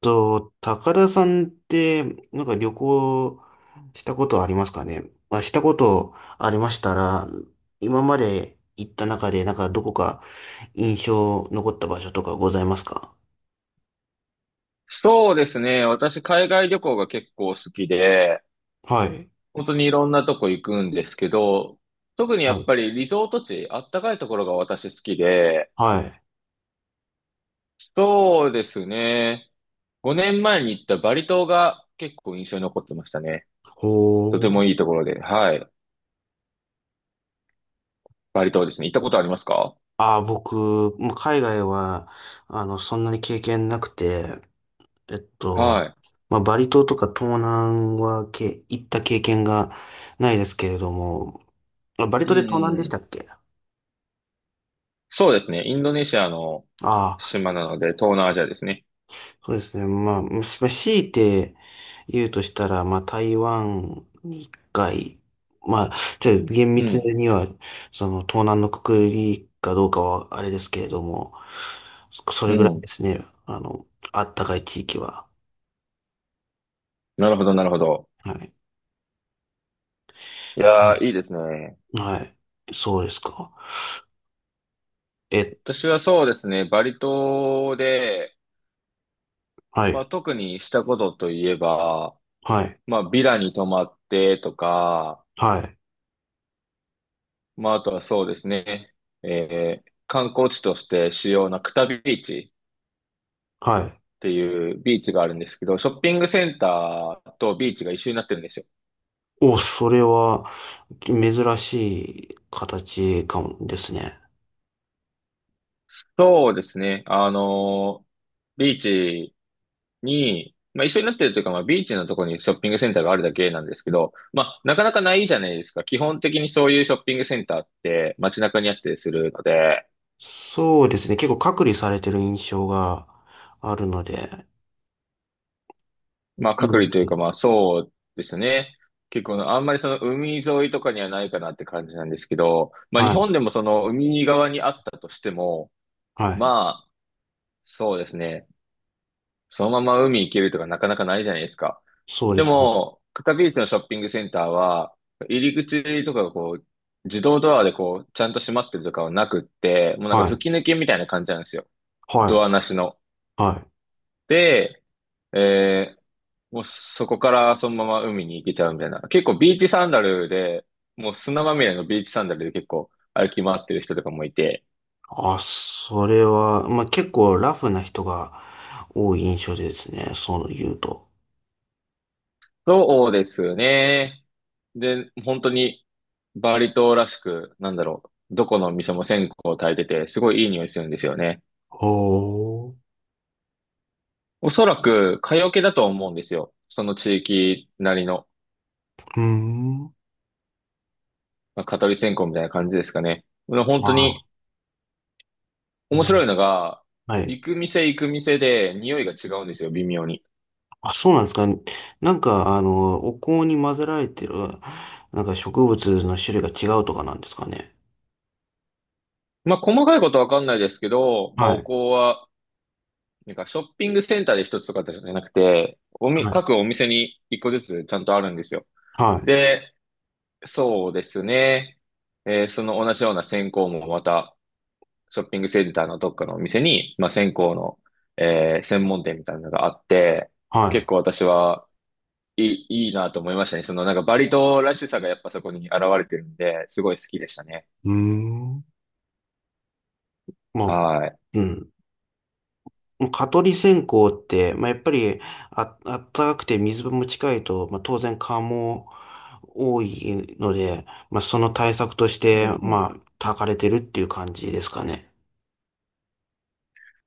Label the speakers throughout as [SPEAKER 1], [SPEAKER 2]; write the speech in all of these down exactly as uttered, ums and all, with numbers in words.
[SPEAKER 1] と、高田さんって、なんか旅行したことありますかね？まあ、したことありましたら、今まで行った中で、なんかどこか印象残った場所とかございますか？
[SPEAKER 2] そうですね。私、海外旅行が結構好きで、
[SPEAKER 1] はい。
[SPEAKER 2] 本当にいろんなとこ行くんですけど、特にや
[SPEAKER 1] は
[SPEAKER 2] っ
[SPEAKER 1] い。
[SPEAKER 2] ぱりリゾート地、あったかいところが私好きで、
[SPEAKER 1] はい。
[SPEAKER 2] そうですね。ごねんまえに行ったバリ島が結構印象に残ってましたね。とて
[SPEAKER 1] ほ
[SPEAKER 2] も
[SPEAKER 1] ー。
[SPEAKER 2] いいところで、はい。バリ島ですね。行ったことありますか？
[SPEAKER 1] ああ、僕、もう海外は、あの、そんなに経験なくて、えっと、
[SPEAKER 2] は
[SPEAKER 1] まあ、バリ島とか東南はけ、行った経験がないですけれども、まあバリ
[SPEAKER 2] い。う
[SPEAKER 1] 島で東
[SPEAKER 2] ん
[SPEAKER 1] 南
[SPEAKER 2] うん
[SPEAKER 1] で
[SPEAKER 2] う
[SPEAKER 1] した
[SPEAKER 2] ん。
[SPEAKER 1] っけ？あ
[SPEAKER 2] そうですね。インドネシアの
[SPEAKER 1] あ、
[SPEAKER 2] 島なので、東南アジアですね。
[SPEAKER 1] そうですね。まあ、まあ強いて言うとしたら、まあ、台湾に一回、まあ、ちょっと厳
[SPEAKER 2] う
[SPEAKER 1] 密
[SPEAKER 2] ん。
[SPEAKER 1] には、その、東南のくくりかどうかはあれですけれども、そそ
[SPEAKER 2] う
[SPEAKER 1] れぐらいで
[SPEAKER 2] ん。
[SPEAKER 1] すね。あの、あったかい地域は。
[SPEAKER 2] なるほど、なるほど。
[SPEAKER 1] はい。
[SPEAKER 2] い
[SPEAKER 1] う
[SPEAKER 2] や
[SPEAKER 1] ん。
[SPEAKER 2] ー、いいですね。
[SPEAKER 1] はい。そうですか。え、
[SPEAKER 2] 私はそうですね、バリ島で、
[SPEAKER 1] は
[SPEAKER 2] ま
[SPEAKER 1] い。
[SPEAKER 2] あ、特にしたことといえば、
[SPEAKER 1] はい。
[SPEAKER 2] まあ、ビラに泊まってとか、
[SPEAKER 1] はい。
[SPEAKER 2] まあ、あとはそうですね、えー観光地として主要なクタビーチっ
[SPEAKER 1] はい。
[SPEAKER 2] ていうビーチがあるんですけど、ショッピングセンターとビーチが一緒になってるんですよ。
[SPEAKER 1] お、それは、珍しい形かもですね。
[SPEAKER 2] そうですね、あのービーチに、まあ一緒になってるというか、まあビーチのところにショッピングセンターがあるだけなんですけど、まあなかなかないじゃないですか。基本的にそういうショッピングセンターって街中にあったりするので、
[SPEAKER 1] そうですね。結構隔離されてる印象があるので。
[SPEAKER 2] まあ
[SPEAKER 1] う
[SPEAKER 2] 隔離というかま
[SPEAKER 1] ん。
[SPEAKER 2] あそうですね。結構あんまりその海沿いとかにはないかなって感じなんですけど、まあ日
[SPEAKER 1] はい。
[SPEAKER 2] 本でもその海側にあったとしても、
[SPEAKER 1] はい。
[SPEAKER 2] まあそうですね。そのまま海行けるとかなかなかないじゃないですか。
[SPEAKER 1] そうで
[SPEAKER 2] で
[SPEAKER 1] すね。
[SPEAKER 2] も、カタビーチのショッピングセンターは、入り口とかがこう、自動ドアでこう、ちゃんと閉まってるとかはなくって、もうなんか
[SPEAKER 1] はい。
[SPEAKER 2] 吹き抜けみたいな感じなんですよ。
[SPEAKER 1] はい。
[SPEAKER 2] ドアなしの。
[SPEAKER 1] はい。
[SPEAKER 2] で、えーもうそこからそのまま海に行けちゃうみたいな。結構ビーチサンダルで、もう砂まみれのビーチサンダルで結構歩き回ってる人とかもいて、
[SPEAKER 1] あ、それは、まあ、結構ラフな人が多い印象ですね。そう言うと。
[SPEAKER 2] そうですね。で、本当にバリ島らしく、なんだろう、どこの店も線香を焚いてて、すごいいい匂いするんですよね。
[SPEAKER 1] ほ
[SPEAKER 2] おそらく、蚊よけだと思うんですよ。その地域なりの、
[SPEAKER 1] う。うーん。
[SPEAKER 2] まあ、蚊取り線香みたいな感じですかね。まあ本
[SPEAKER 1] ま
[SPEAKER 2] 当
[SPEAKER 1] あ、
[SPEAKER 2] に面
[SPEAKER 1] な
[SPEAKER 2] 白いのが、
[SPEAKER 1] はい。
[SPEAKER 2] 行く店行く店で匂いが違うんですよ、微妙に。
[SPEAKER 1] あ、そうなんですか。なんか、あの、お香に混ぜられてる、なんか植物の種類が違うとかなんですかね。
[SPEAKER 2] まあ、細かいことわかんないですけど、まあ、
[SPEAKER 1] は
[SPEAKER 2] お
[SPEAKER 1] い。
[SPEAKER 2] 香は、なんかショッピングセンターで一つとかじゃなくて、おみ、
[SPEAKER 1] はい。
[SPEAKER 2] 各お店に一個ずつちゃんとあるんですよ。
[SPEAKER 1] はい。
[SPEAKER 2] で、そうですね。えーその同じような線香もまた、ショッピングセンターのどっかのお店に、まあ、線香の、えー専門店みたいなのがあって、
[SPEAKER 1] は
[SPEAKER 2] 結
[SPEAKER 1] い。
[SPEAKER 2] 構私はいい、いいなと思いましたね。そのなんかバリ島らしさがやっぱそこに現れてるんで、すごい好きでしたね。
[SPEAKER 1] うーん。も
[SPEAKER 2] は
[SPEAKER 1] う、うん。もう蚊取り線香って、まあ、やっぱり、あ、あったかくて水分も近いと、まあ、当然蚊も多いので、まあ、その対策とし
[SPEAKER 2] い。う
[SPEAKER 1] て、
[SPEAKER 2] んうん。
[SPEAKER 1] まあ、焚かれてるっていう感じですかね。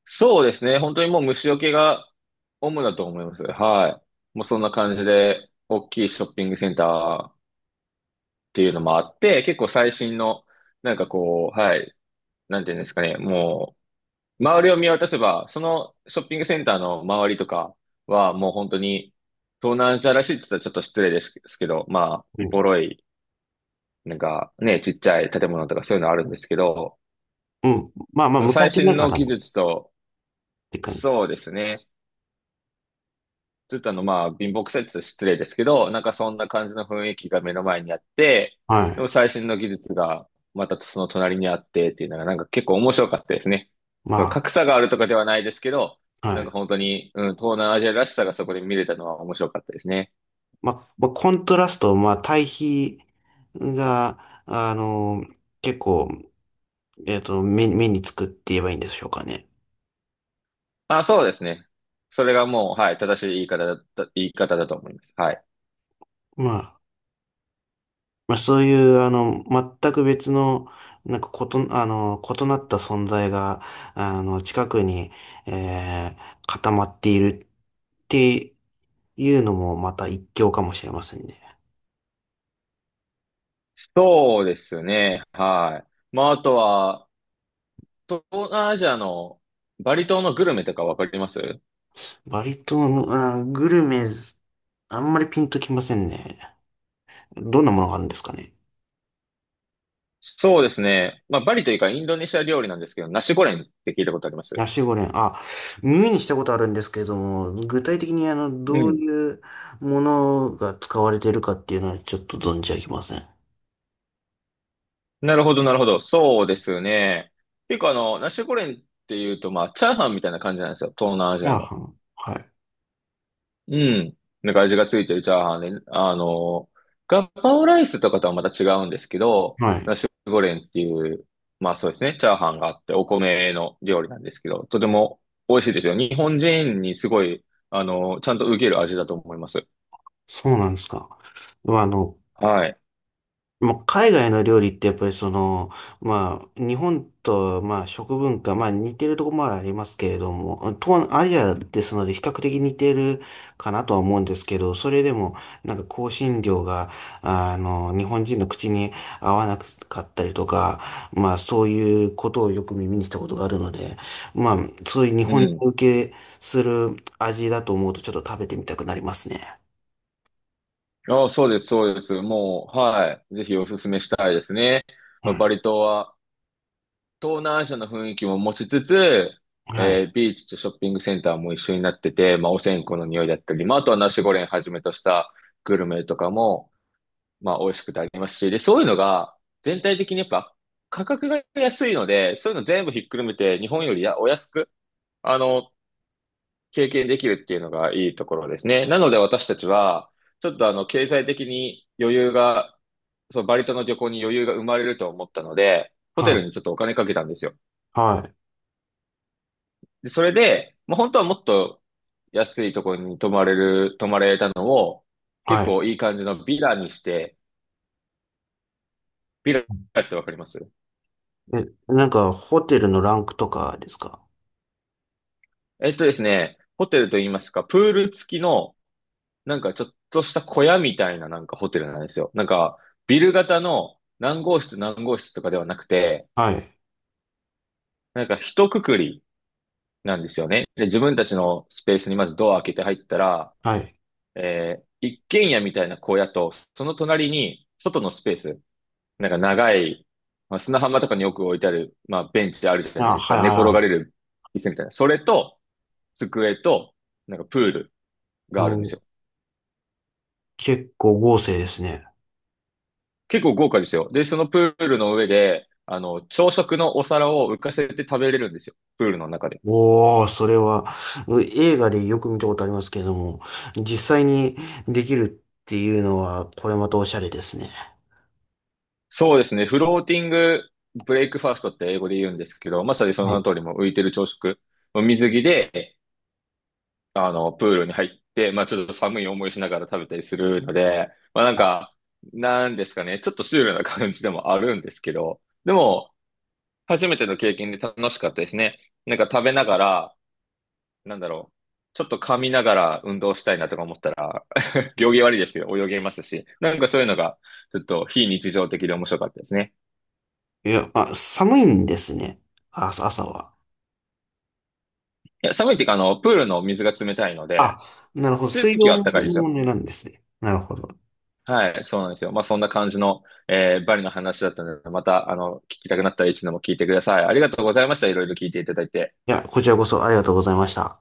[SPEAKER 2] そうですね。本当にもう虫除けが主だと思います。はい。もうそんな感じで、大きいショッピングセンターっていうのもあって、結構最新の、なんかこう、はい、なんていうんですかね、もう、周りを見渡せば、そのショッピングセンターの周りとかは、もう本当に、東南アジアらしいって言ったらちょっと失礼ですけど、まあ、
[SPEAKER 1] う
[SPEAKER 2] ボ
[SPEAKER 1] ん。
[SPEAKER 2] ロい、なんかね、ちっちゃい建物とかそういうのあるんですけど、
[SPEAKER 1] うん。まあまあ、
[SPEAKER 2] その最
[SPEAKER 1] 昔な
[SPEAKER 2] 新
[SPEAKER 1] が
[SPEAKER 2] の
[SPEAKER 1] らの
[SPEAKER 2] 技
[SPEAKER 1] っ
[SPEAKER 2] 術と、
[SPEAKER 1] て感じ。
[SPEAKER 2] そうですね。ちょっとあの、まあ、貧乏くさいって言ったら失礼ですけど、なんかそんな感じの雰囲気が目の前にあって、
[SPEAKER 1] は
[SPEAKER 2] でも
[SPEAKER 1] い。
[SPEAKER 2] 最新の技術がまたその隣にあってっていうのが、なんか結構面白かったですね。
[SPEAKER 1] ま
[SPEAKER 2] 格差があるとかではないですけど、
[SPEAKER 1] あ、は
[SPEAKER 2] なん
[SPEAKER 1] い。
[SPEAKER 2] か本当に、うん、東南アジアらしさがそこで見れたのは面白かったですね。
[SPEAKER 1] まあ、まあ、コントラスト、まあ、対比が、あの、結構、えっと、目、目につくって言えばいいんでしょうかね。
[SPEAKER 2] まあ、そうですね。それがもう、はい、正しい言い方だった、言い方だと思います。はい。
[SPEAKER 1] まあまあ、そういう、あの、全く別の、なんか、こと、あの、異なった存在が、あの、近くに、えー、固まっているっていうのも、また一興かもしれませんね。
[SPEAKER 2] そうですね。はい。まあ、あとは、東南アジアのバリ島のグルメとかわかります
[SPEAKER 1] バリ島の、あー、グルメ、あんまりピンときませんね。どんなものがあるんですかね。
[SPEAKER 2] そうですね。まあ、バリというかインドネシア料理なんですけど、ナシゴレンって聞いたことあります
[SPEAKER 1] ナシゴレン、あ、耳にしたことあるんですけれども、具体的に、あの、
[SPEAKER 2] う
[SPEAKER 1] どう
[SPEAKER 2] ん。
[SPEAKER 1] いうものが使われているかっていうのは、ちょっと存じ上げません。
[SPEAKER 2] なるほど、なるほど。そうですね。結構あの、ナシゴレンっていうと、まあ、チャーハンみたいな感じなんですよ。東南ア
[SPEAKER 1] チ
[SPEAKER 2] ジ
[SPEAKER 1] ャ
[SPEAKER 2] ア
[SPEAKER 1] ー
[SPEAKER 2] の。
[SPEAKER 1] ハン。はい。
[SPEAKER 2] うん。なんか味がついてるチャーハンで、あの、ガパオライスとかとはまた違うんですけど、
[SPEAKER 1] はい。
[SPEAKER 2] ナシゴレンっていう、まあそうですね、チャーハンがあって、お米の料理なんですけど、とても美味しいですよ。日本人にすごい、あの、ちゃんと受ける味だと思います。
[SPEAKER 1] そうなんですか。まあ、あの、
[SPEAKER 2] はい。
[SPEAKER 1] まあ、海外の料理ってやっぱりその、まあ、日本と、まあ、食文化、まあ、似てるところもありますけれども、東南アジアですので比較的似てるかなとは思うんですけど、それでも、なんか香辛料が、あの、日本人の口に合わなかったりとか、まあ、そういうことをよく耳にしたことがあるので、まあ、そういう日
[SPEAKER 2] う
[SPEAKER 1] 本人
[SPEAKER 2] ん。
[SPEAKER 1] 受けする味だと思うとちょっと食べてみたくなりますね。
[SPEAKER 2] ああ、そうです、そうです。もう、はい。ぜひおすすめしたいですね。ま
[SPEAKER 1] は
[SPEAKER 2] あ、バ
[SPEAKER 1] い。
[SPEAKER 2] リ島は東南アジアの雰囲気も持ちつつ、
[SPEAKER 1] はい。
[SPEAKER 2] えービーチとショッピングセンターも一緒になってて、まあ、お線香の匂いだったり、まあ、あとはナシゴレンはじめとしたグルメとかも、まあ、美味しくてありますし、で、そういうのが全体的にやっぱ価格が安いので、そういうの全部ひっくるめて日本よりやお安く、あの、経験できるっていうのがいいところですね。なので私たちは、ちょっとあの、経済的に余裕が、そう、バリ島の旅行に余裕が生まれると思ったので、ホ
[SPEAKER 1] は
[SPEAKER 2] テル
[SPEAKER 1] い。
[SPEAKER 2] にちょっとお金かけたんですよ。
[SPEAKER 1] はい。
[SPEAKER 2] で、それで、まあ、本当はもっと安いところに泊まれる、泊まれたのを、
[SPEAKER 1] は
[SPEAKER 2] 結
[SPEAKER 1] い。
[SPEAKER 2] 構いい感じのビラにして、ビラってわかります
[SPEAKER 1] え、なんか、ホテルのランクとかですか？
[SPEAKER 2] えっとですね、ホテルと言いますか、プール付きのなんかちょっとした小屋みたいななんかホテルなんですよ。なんか、ビル型の何号室何号室とかではなくて、
[SPEAKER 1] はい。
[SPEAKER 2] なんか一括りなんですよね。で、自分たちのスペースにまずドア開けて入ったら、
[SPEAKER 1] はい。
[SPEAKER 2] えー一軒家みたいな小屋と、その隣に外のスペース、なんか長い、まあ、砂浜とかによく置いてある、まあ、ベンチあるじゃない
[SPEAKER 1] あ、
[SPEAKER 2] ですか。
[SPEAKER 1] はい
[SPEAKER 2] 寝転
[SPEAKER 1] は
[SPEAKER 2] がれ
[SPEAKER 1] い
[SPEAKER 2] る椅子みたいな。それと、机と、なんかプール
[SPEAKER 1] は
[SPEAKER 2] が
[SPEAKER 1] い。
[SPEAKER 2] あるんで
[SPEAKER 1] う
[SPEAKER 2] す
[SPEAKER 1] ん、
[SPEAKER 2] よ。
[SPEAKER 1] 結構豪勢ですね。
[SPEAKER 2] 結構豪華ですよ。で、そのプールの上で、あの、朝食のお皿を浮かせて食べれるんですよ。プールの中で。
[SPEAKER 1] おー、それは、う映画でよく見たことありますけれども、実際にできるっていうのは、これまたおしゃれですね。
[SPEAKER 2] そうですね。フローティングブレイクファーストって英語で言うんですけど、まさにその
[SPEAKER 1] は
[SPEAKER 2] 名の
[SPEAKER 1] い。
[SPEAKER 2] 通りも浮いてる朝食。水着で、あの、プールに入って、まあちょっと寒い思いしながら食べたりするので、まあなんか、なんですかね。ちょっとシュールな感じでもあるんですけど、でも、初めての経験で楽しかったですね。なんか食べながら、なんだろう。ちょっと噛みながら運動したいなとか思ったら、行儀悪いですけど泳げますし、なんかそういうのが、ちょっと非日常的で面白かったですね。
[SPEAKER 1] いや、あ、寒いんですね。あ、朝朝は。
[SPEAKER 2] いや、寒いっていうか、あの、プールの水が冷たいので、
[SPEAKER 1] あ、なるほど。
[SPEAKER 2] 地
[SPEAKER 1] 水
[SPEAKER 2] 域
[SPEAKER 1] 温
[SPEAKER 2] は暖か
[SPEAKER 1] の
[SPEAKER 2] いですよ。
[SPEAKER 1] 問題なんですね。なるほど。
[SPEAKER 2] はい、そうなんですよ。まあ、そんな感じの、えーバリの話だったので、また、あの、聞きたくなったらいつでも聞いてください。ありがとうございました。いろいろ聞いていただいて。
[SPEAKER 1] いや、こちらこそありがとうございました。